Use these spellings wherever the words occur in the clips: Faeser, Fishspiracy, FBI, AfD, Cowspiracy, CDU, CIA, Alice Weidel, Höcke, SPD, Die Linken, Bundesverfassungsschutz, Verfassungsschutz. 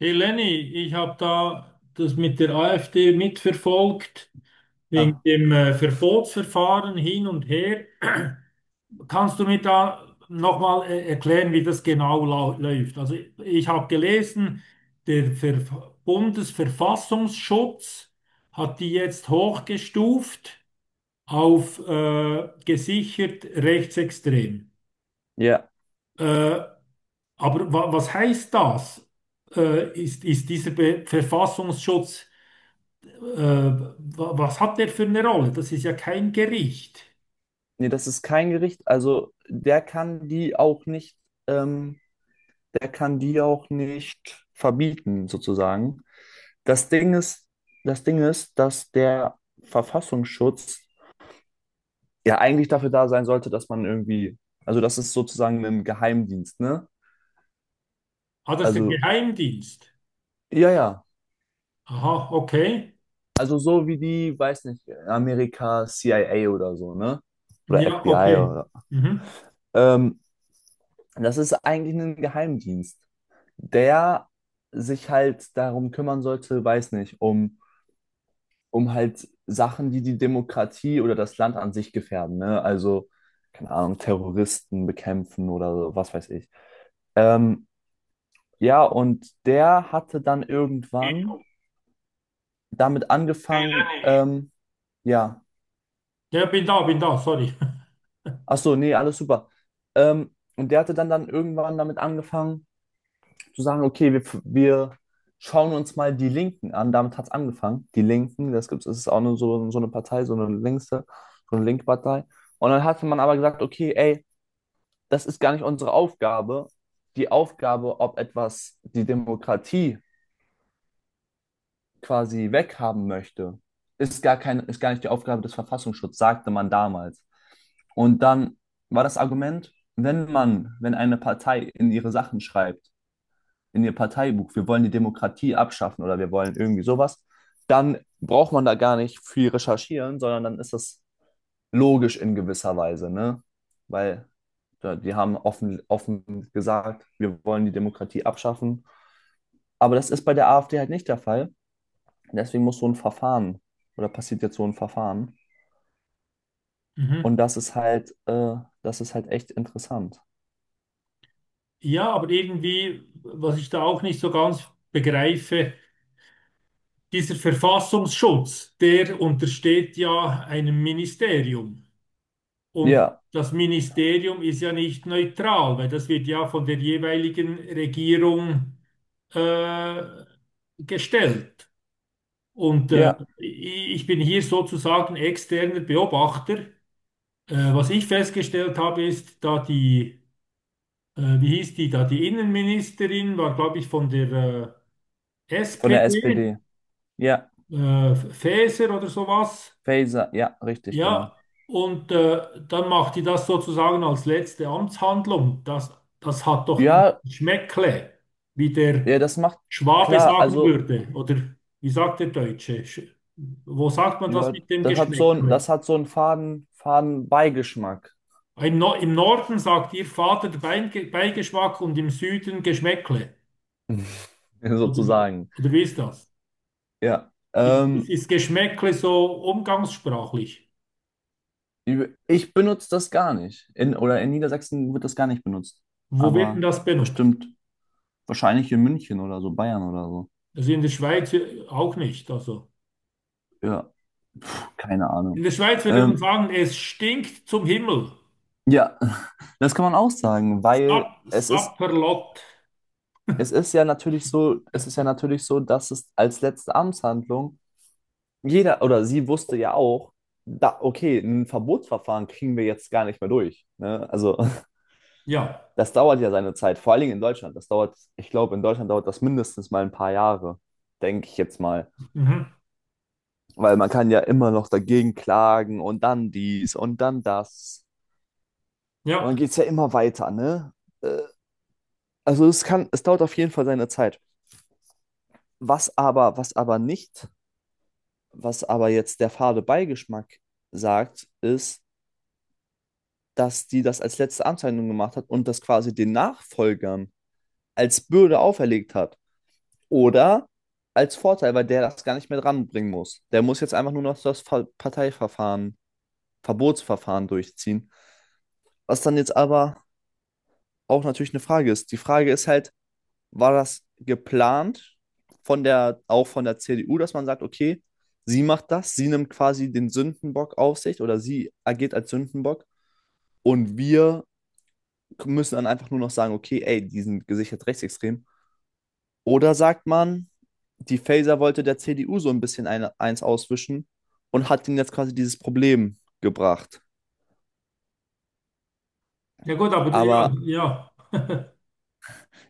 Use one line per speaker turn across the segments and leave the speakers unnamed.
Hey Lenny, ich habe da das mit der AfD mitverfolgt, wegen
Ja.
dem Verbotsverfahren hin und her. Kannst du mir da nochmal erklären, wie das genau läuft? Also ich habe gelesen, der Ver Bundesverfassungsschutz hat die jetzt hochgestuft auf gesichert rechtsextrem.
Ja,
Äh, aber wa was heißt das? Ist, ist dieser Be Verfassungsschutz Äh, was hat der für eine Rolle? Das ist ja kein Gericht.
nee, das ist kein Gericht. Also der kann die auch nicht, ähm, der kann die auch nicht verbieten, sozusagen. Das Ding ist, das Ding ist, dass der Verfassungsschutz ja eigentlich dafür da sein sollte, dass man irgendwie, also das ist sozusagen ein Geheimdienst, ne?
Ah, das ist der
Also,
Geheimdienst.
ja.
Aha, okay.
Also so wie die, weiß nicht, Amerika CIA oder so, ne? Oder
Ja,
FBI
okay.
oder
Mhm.
Ähm, das ist eigentlich ein Geheimdienst, der sich halt darum kümmern sollte, weiß nicht, um, um halt Sachen, die die Demokratie oder das Land an sich gefährden, ne? Also, keine Ahnung, Terroristen bekämpfen oder so, was weiß ich. Ähm, ja, und der hatte dann
Hey
irgendwann damit angefangen,
Lenny,
ja,
ja, bin da, sorry.
ach so, nee, alles super. Und der hatte dann irgendwann damit angefangen, zu sagen, okay, wir schauen uns mal die Linken an. Damit hat es angefangen. Die Linken, das gibt's, das ist auch nur so, so eine Partei, so eine längste, so eine Linkpartei. Und dann hatte man aber gesagt, okay, ey, das ist gar nicht unsere Aufgabe. Die Aufgabe, ob etwas die Demokratie quasi weghaben möchte, ist gar nicht die Aufgabe des Verfassungsschutzes, sagte man damals. Und dann war das Argument, wenn eine Partei in ihre Sachen schreibt, in ihr Parteibuch, wir wollen die Demokratie abschaffen oder wir wollen irgendwie sowas, dann braucht man da gar nicht viel recherchieren, sondern dann ist das logisch in gewisser Weise, ne? Weil ja, die haben offen gesagt, wir wollen die Demokratie abschaffen. Aber das ist bei der AfD halt nicht der Fall. Deswegen muss so ein Verfahren oder passiert jetzt so ein Verfahren.
Mhm.
Und das ist halt echt interessant.
Ja, aber irgendwie, was ich da auch nicht so ganz begreife, dieser Verfassungsschutz, der untersteht ja einem Ministerium. Und
Ja,
das Ministerium ist ja nicht neutral, weil das wird ja von der jeweiligen Regierung äh, gestellt. Und
ja,
ich bin hier sozusagen externer Beobachter. Was ich festgestellt habe, ist, da die, wie hieß die, da die Innenministerin war, glaube ich, von der
von der
SPD,
SPD. Ja,
Faeser oder sowas.
Faser, ja, richtig, genau.
Ja, und dann macht die das sozusagen als letzte Amtshandlung. Das hat doch ein
Ja,
Schmäckle, wie der
Ja, das macht
Schwabe
klar,
sagen
also
würde. Oder wie sagt der Deutsche? Wo sagt man das
ja,
mit dem
das hat so ein,
Geschmäckle?
das hat so einen faden, faden Beigeschmack,
Im, no im Norden sagt ihr Vater Beigeschmack und im Süden Geschmäckle. Oder,
sozusagen.
oder wie ist das?
Ja.
Ist Geschmäckle so umgangssprachlich?
Ich benutze das gar nicht. In, oder in Niedersachsen wird das gar nicht benutzt.
Wo wird denn
Aber
das benutzt?
bestimmt, wahrscheinlich in München oder so, Bayern oder so.
Also in der Schweiz auch nicht. Also.
Ja, keine
In
Ahnung.
der Schweiz würde man
Ähm,
sagen, es stinkt zum Himmel.
ja, das kann man auch sagen, weil es ist,
Sapperlot.
es ist ja natürlich so, dass es als letzte Amtshandlung jeder oder sie wusste ja auch, da, okay, ein Verbotsverfahren kriegen wir jetzt gar nicht mehr durch. Ne? Also
Ja.
das dauert ja seine Zeit, vor allen Dingen in Deutschland. Das dauert, ich glaube, in Deutschland dauert das mindestens mal ein paar Jahre, denke ich jetzt mal.
Mhm.
Weil man kann ja immer noch dagegen klagen und dann dies und dann das. Und
Ja.
dann geht es ja immer weiter, ne? Äh, Also es kann, es dauert auf jeden Fall seine Zeit. Was aber nicht, was aber jetzt der fade Beigeschmack sagt, ist, dass die das als letzte Amtshandlung gemacht hat und das quasi den Nachfolgern als Bürde auferlegt hat. Oder als Vorteil, weil der das gar nicht mehr dranbringen muss. Der muss jetzt einfach nur noch das Ver Parteiverfahren, Verbotsverfahren durchziehen. Was dann jetzt aber auch natürlich eine Frage ist. Die Frage ist halt, war das geplant von der, auch von der CDU, dass man sagt, okay, sie macht das, sie nimmt quasi den Sündenbock auf sich oder sie agiert als Sündenbock und wir müssen dann einfach nur noch sagen, okay, ey, die sind gesichert rechtsextrem. Oder sagt man, die Faeser wollte der CDU so ein bisschen eins auswischen und hat ihnen jetzt quasi dieses Problem gebracht.
Ja gut, aber ja,
Aber
ja.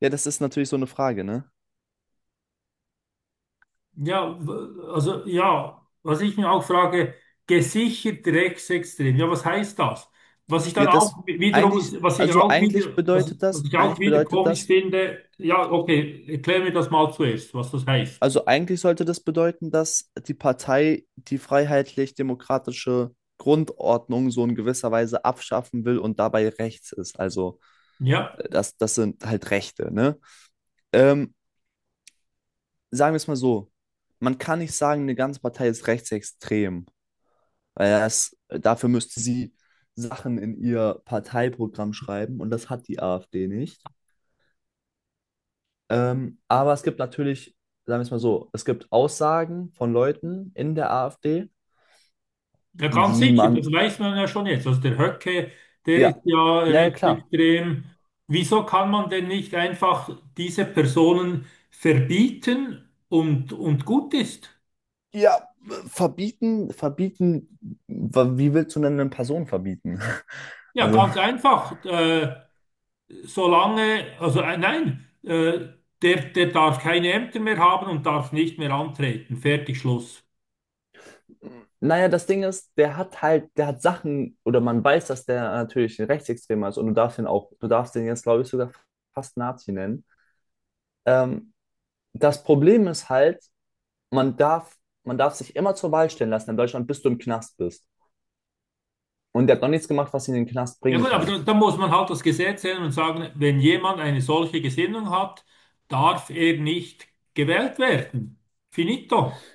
ja, das ist natürlich so eine Frage, ne?
Ja, also ja, was ich mir auch frage, gesichert rechtsextrem. Ja, was heißt das? Was ich dann
Ja, das
auch wiederum,
eigentlich,
was ich
also
auch wieder, was, was ich auch
eigentlich
wieder
bedeutet
komisch
das,
finde, ja, okay, erklär mir das mal zuerst, was das heißt.
also eigentlich sollte das bedeuten, dass die Partei die freiheitlich-demokratische Grundordnung so in gewisser Weise abschaffen will und dabei rechts ist. Also
Ja.
das sind halt Rechte, ne? Ähm, sagen wir es mal so, man kann nicht sagen, eine ganze Partei ist rechtsextrem, weil das, dafür müsste sie Sachen in ihr Parteiprogramm schreiben und das hat die AfD nicht. Aber es gibt natürlich, sagen wir es mal so, es gibt Aussagen von Leuten in der AfD,
Ja, ganz
die
sicher, das
man,
weiß man ja schon jetzt. Also der Höcke, der ist
ja,
ja
ja, ja,
recht
klar.
extrem. Wieso kann man denn nicht einfach diese Personen verbieten und gut ist?
Ja, verbieten, verbieten, wie willst du denn eine Person verbieten?
Ja,
Also,
ganz einfach. Solange, also nein, der darf keine Ämter mehr haben und darf nicht mehr antreten. Fertig, Schluss.
naja, das Ding ist, der hat halt, der hat Sachen, oder man weiß, dass der natürlich ein Rechtsextremer ist und du darfst ihn auch, du darfst ihn jetzt, glaube ich, sogar fast Nazi nennen. Ähm, das Problem ist halt, man darf, man darf sich immer zur Wahl stellen lassen in Deutschland, bis du im Knast bist. Und der hat noch nichts gemacht, was ihn in den Knast
Ja
bringen
gut, aber
kann.
da muss man halt das Gesetz ändern und sagen, wenn jemand eine solche Gesinnung hat, darf er nicht gewählt werden. Finito.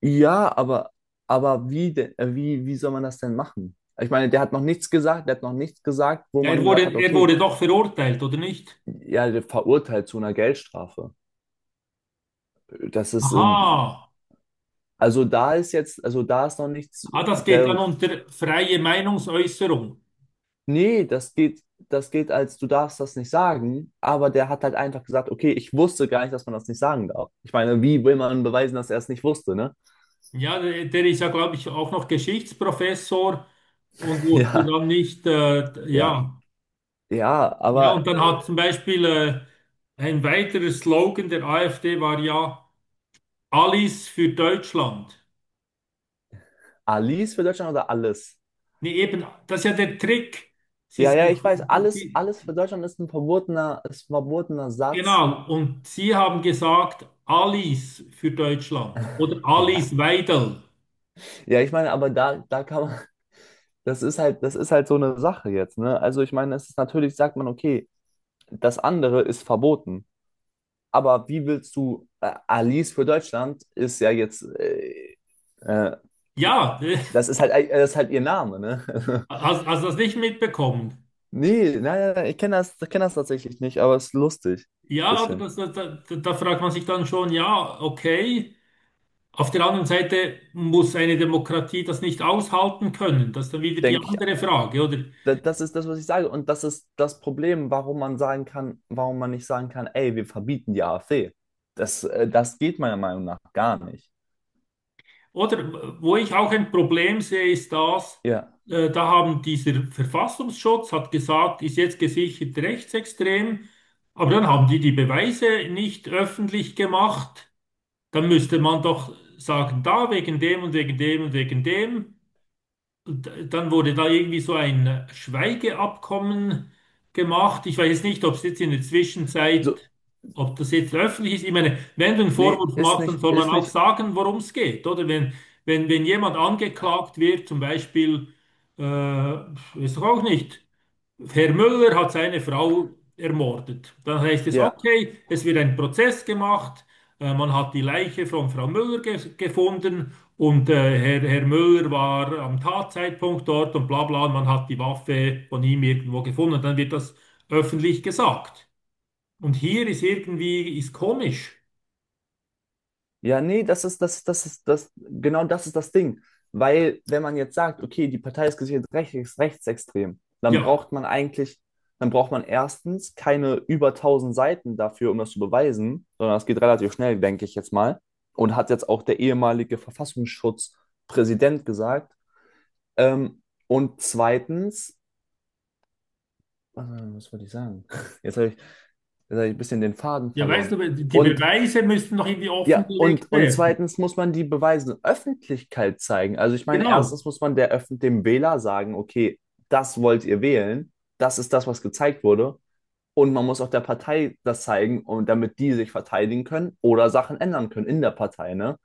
Ja, aber, wie soll man das denn machen? Ich meine, der hat noch nichts gesagt, wo
Ja,
man gesagt hat,
er
okay,
wurde doch verurteilt, oder nicht?
ja, der verurteilt zu einer Geldstrafe. Das ist, in,
Aha.
also da ist jetzt, also da ist noch nichts,
Ah, das geht dann
der,
unter freie Meinungsäußerung.
nee, das geht als, du darfst das nicht sagen, aber der hat halt einfach gesagt, okay, ich wusste gar nicht, dass man das nicht sagen darf. Ich meine, wie will man beweisen, dass er es nicht wusste, ne?
Ja, der ist ja, glaube ich, auch noch Geschichtsprofessor und wusste
Ja,
dann nicht,
ja,
ja.
ja,
Ja,
aber
und dann hat zum Beispiel ein weiterer Slogan der AfD war ja Alles für Deutschland.
Alice für Deutschland oder alles?
Nee, eben, das ist ja der Trick. Sie,
Ja, ja, ich weiß, alles für Deutschland ist ein verbotener Satz.
genau, und Sie haben gesagt, Alice für Deutschland oder
Ja.
Alice Weidel.
Ja, ich meine, aber da kann man, das ist halt so eine Sache jetzt, ne? Also ich meine, es ist natürlich, sagt man, okay, das andere ist verboten. Aber wie willst du, Alice für Deutschland ist ja jetzt, äh,
Ja,
das ist halt ihr Name, ne?
hast du das nicht mitbekommen?
Nee, nein, nein, ich kenne das, ich kenn das tatsächlich nicht, aber es ist lustig.
Ja, also
Bisschen.
da fragt man sich dann schon, ja, okay. Auf der anderen Seite muss eine Demokratie das nicht aushalten können. Das ist dann wieder die
Denke ich,
andere Frage, oder?
Das ist das, was ich sage. Und das ist das Problem, warum man nicht sagen kann, ey, wir verbieten die AfD. Das, das geht meiner Meinung nach gar nicht.
Oder wo ich auch ein Problem sehe, ist das,
Ja,
da haben dieser Verfassungsschutz hat gesagt, ist jetzt gesichert rechtsextrem, aber dann haben die die Beweise nicht öffentlich gemacht. Dann müsste man doch sagen, da wegen dem und wegen dem und wegen dem. Und dann wurde da irgendwie so ein Schweigeabkommen gemacht. Ich weiß jetzt nicht, ob es jetzt in der
so,
Zwischenzeit, ob das jetzt öffentlich ist. Ich meine, wenn du einen
nee,
Vorwurf machst, dann soll man
ist
auch
nicht,
sagen, worum es geht, oder? Wenn jemand angeklagt wird, zum Beispiel, weiß ich auch nicht, Herr Müller hat seine Frau ermordet. Dann heißt es,
ja.
okay, es wird ein Prozess gemacht. Man hat die Leiche von Frau Müller ge gefunden und Herr Müller war am Tatzeitpunkt dort und bla bla. Und man hat die Waffe von ihm irgendwo gefunden. Dann wird das öffentlich gesagt. Und hier ist irgendwie, ist komisch.
Ja, nee, das ist das, genau das ist das Ding. Weil, wenn man jetzt sagt, okay, die Partei ist gesichert rechtsextrem, dann
Ja,
braucht man eigentlich, dann braucht man erstens keine über tausend Seiten dafür, um das zu beweisen, sondern das geht relativ schnell, denke ich jetzt mal. Und hat jetzt auch der ehemalige Verfassungsschutzpräsident gesagt. Ähm, und zweitens, was wollte ich sagen? Jetzt hab ich ein bisschen den Faden
ja, weißt
verloren.
du, die
Und
Beweise müssten noch irgendwie
ja,
offengelegt
und
werden.
zweitens muss man die Beweise Öffentlichkeit zeigen. Also ich meine,
Genau.
erstens muss man der Öffn dem Wähler sagen, okay, das wollt ihr wählen, das ist das, was gezeigt wurde. Und man muss auch der Partei das zeigen, und damit die sich verteidigen können oder Sachen ändern können in der Partei, ne?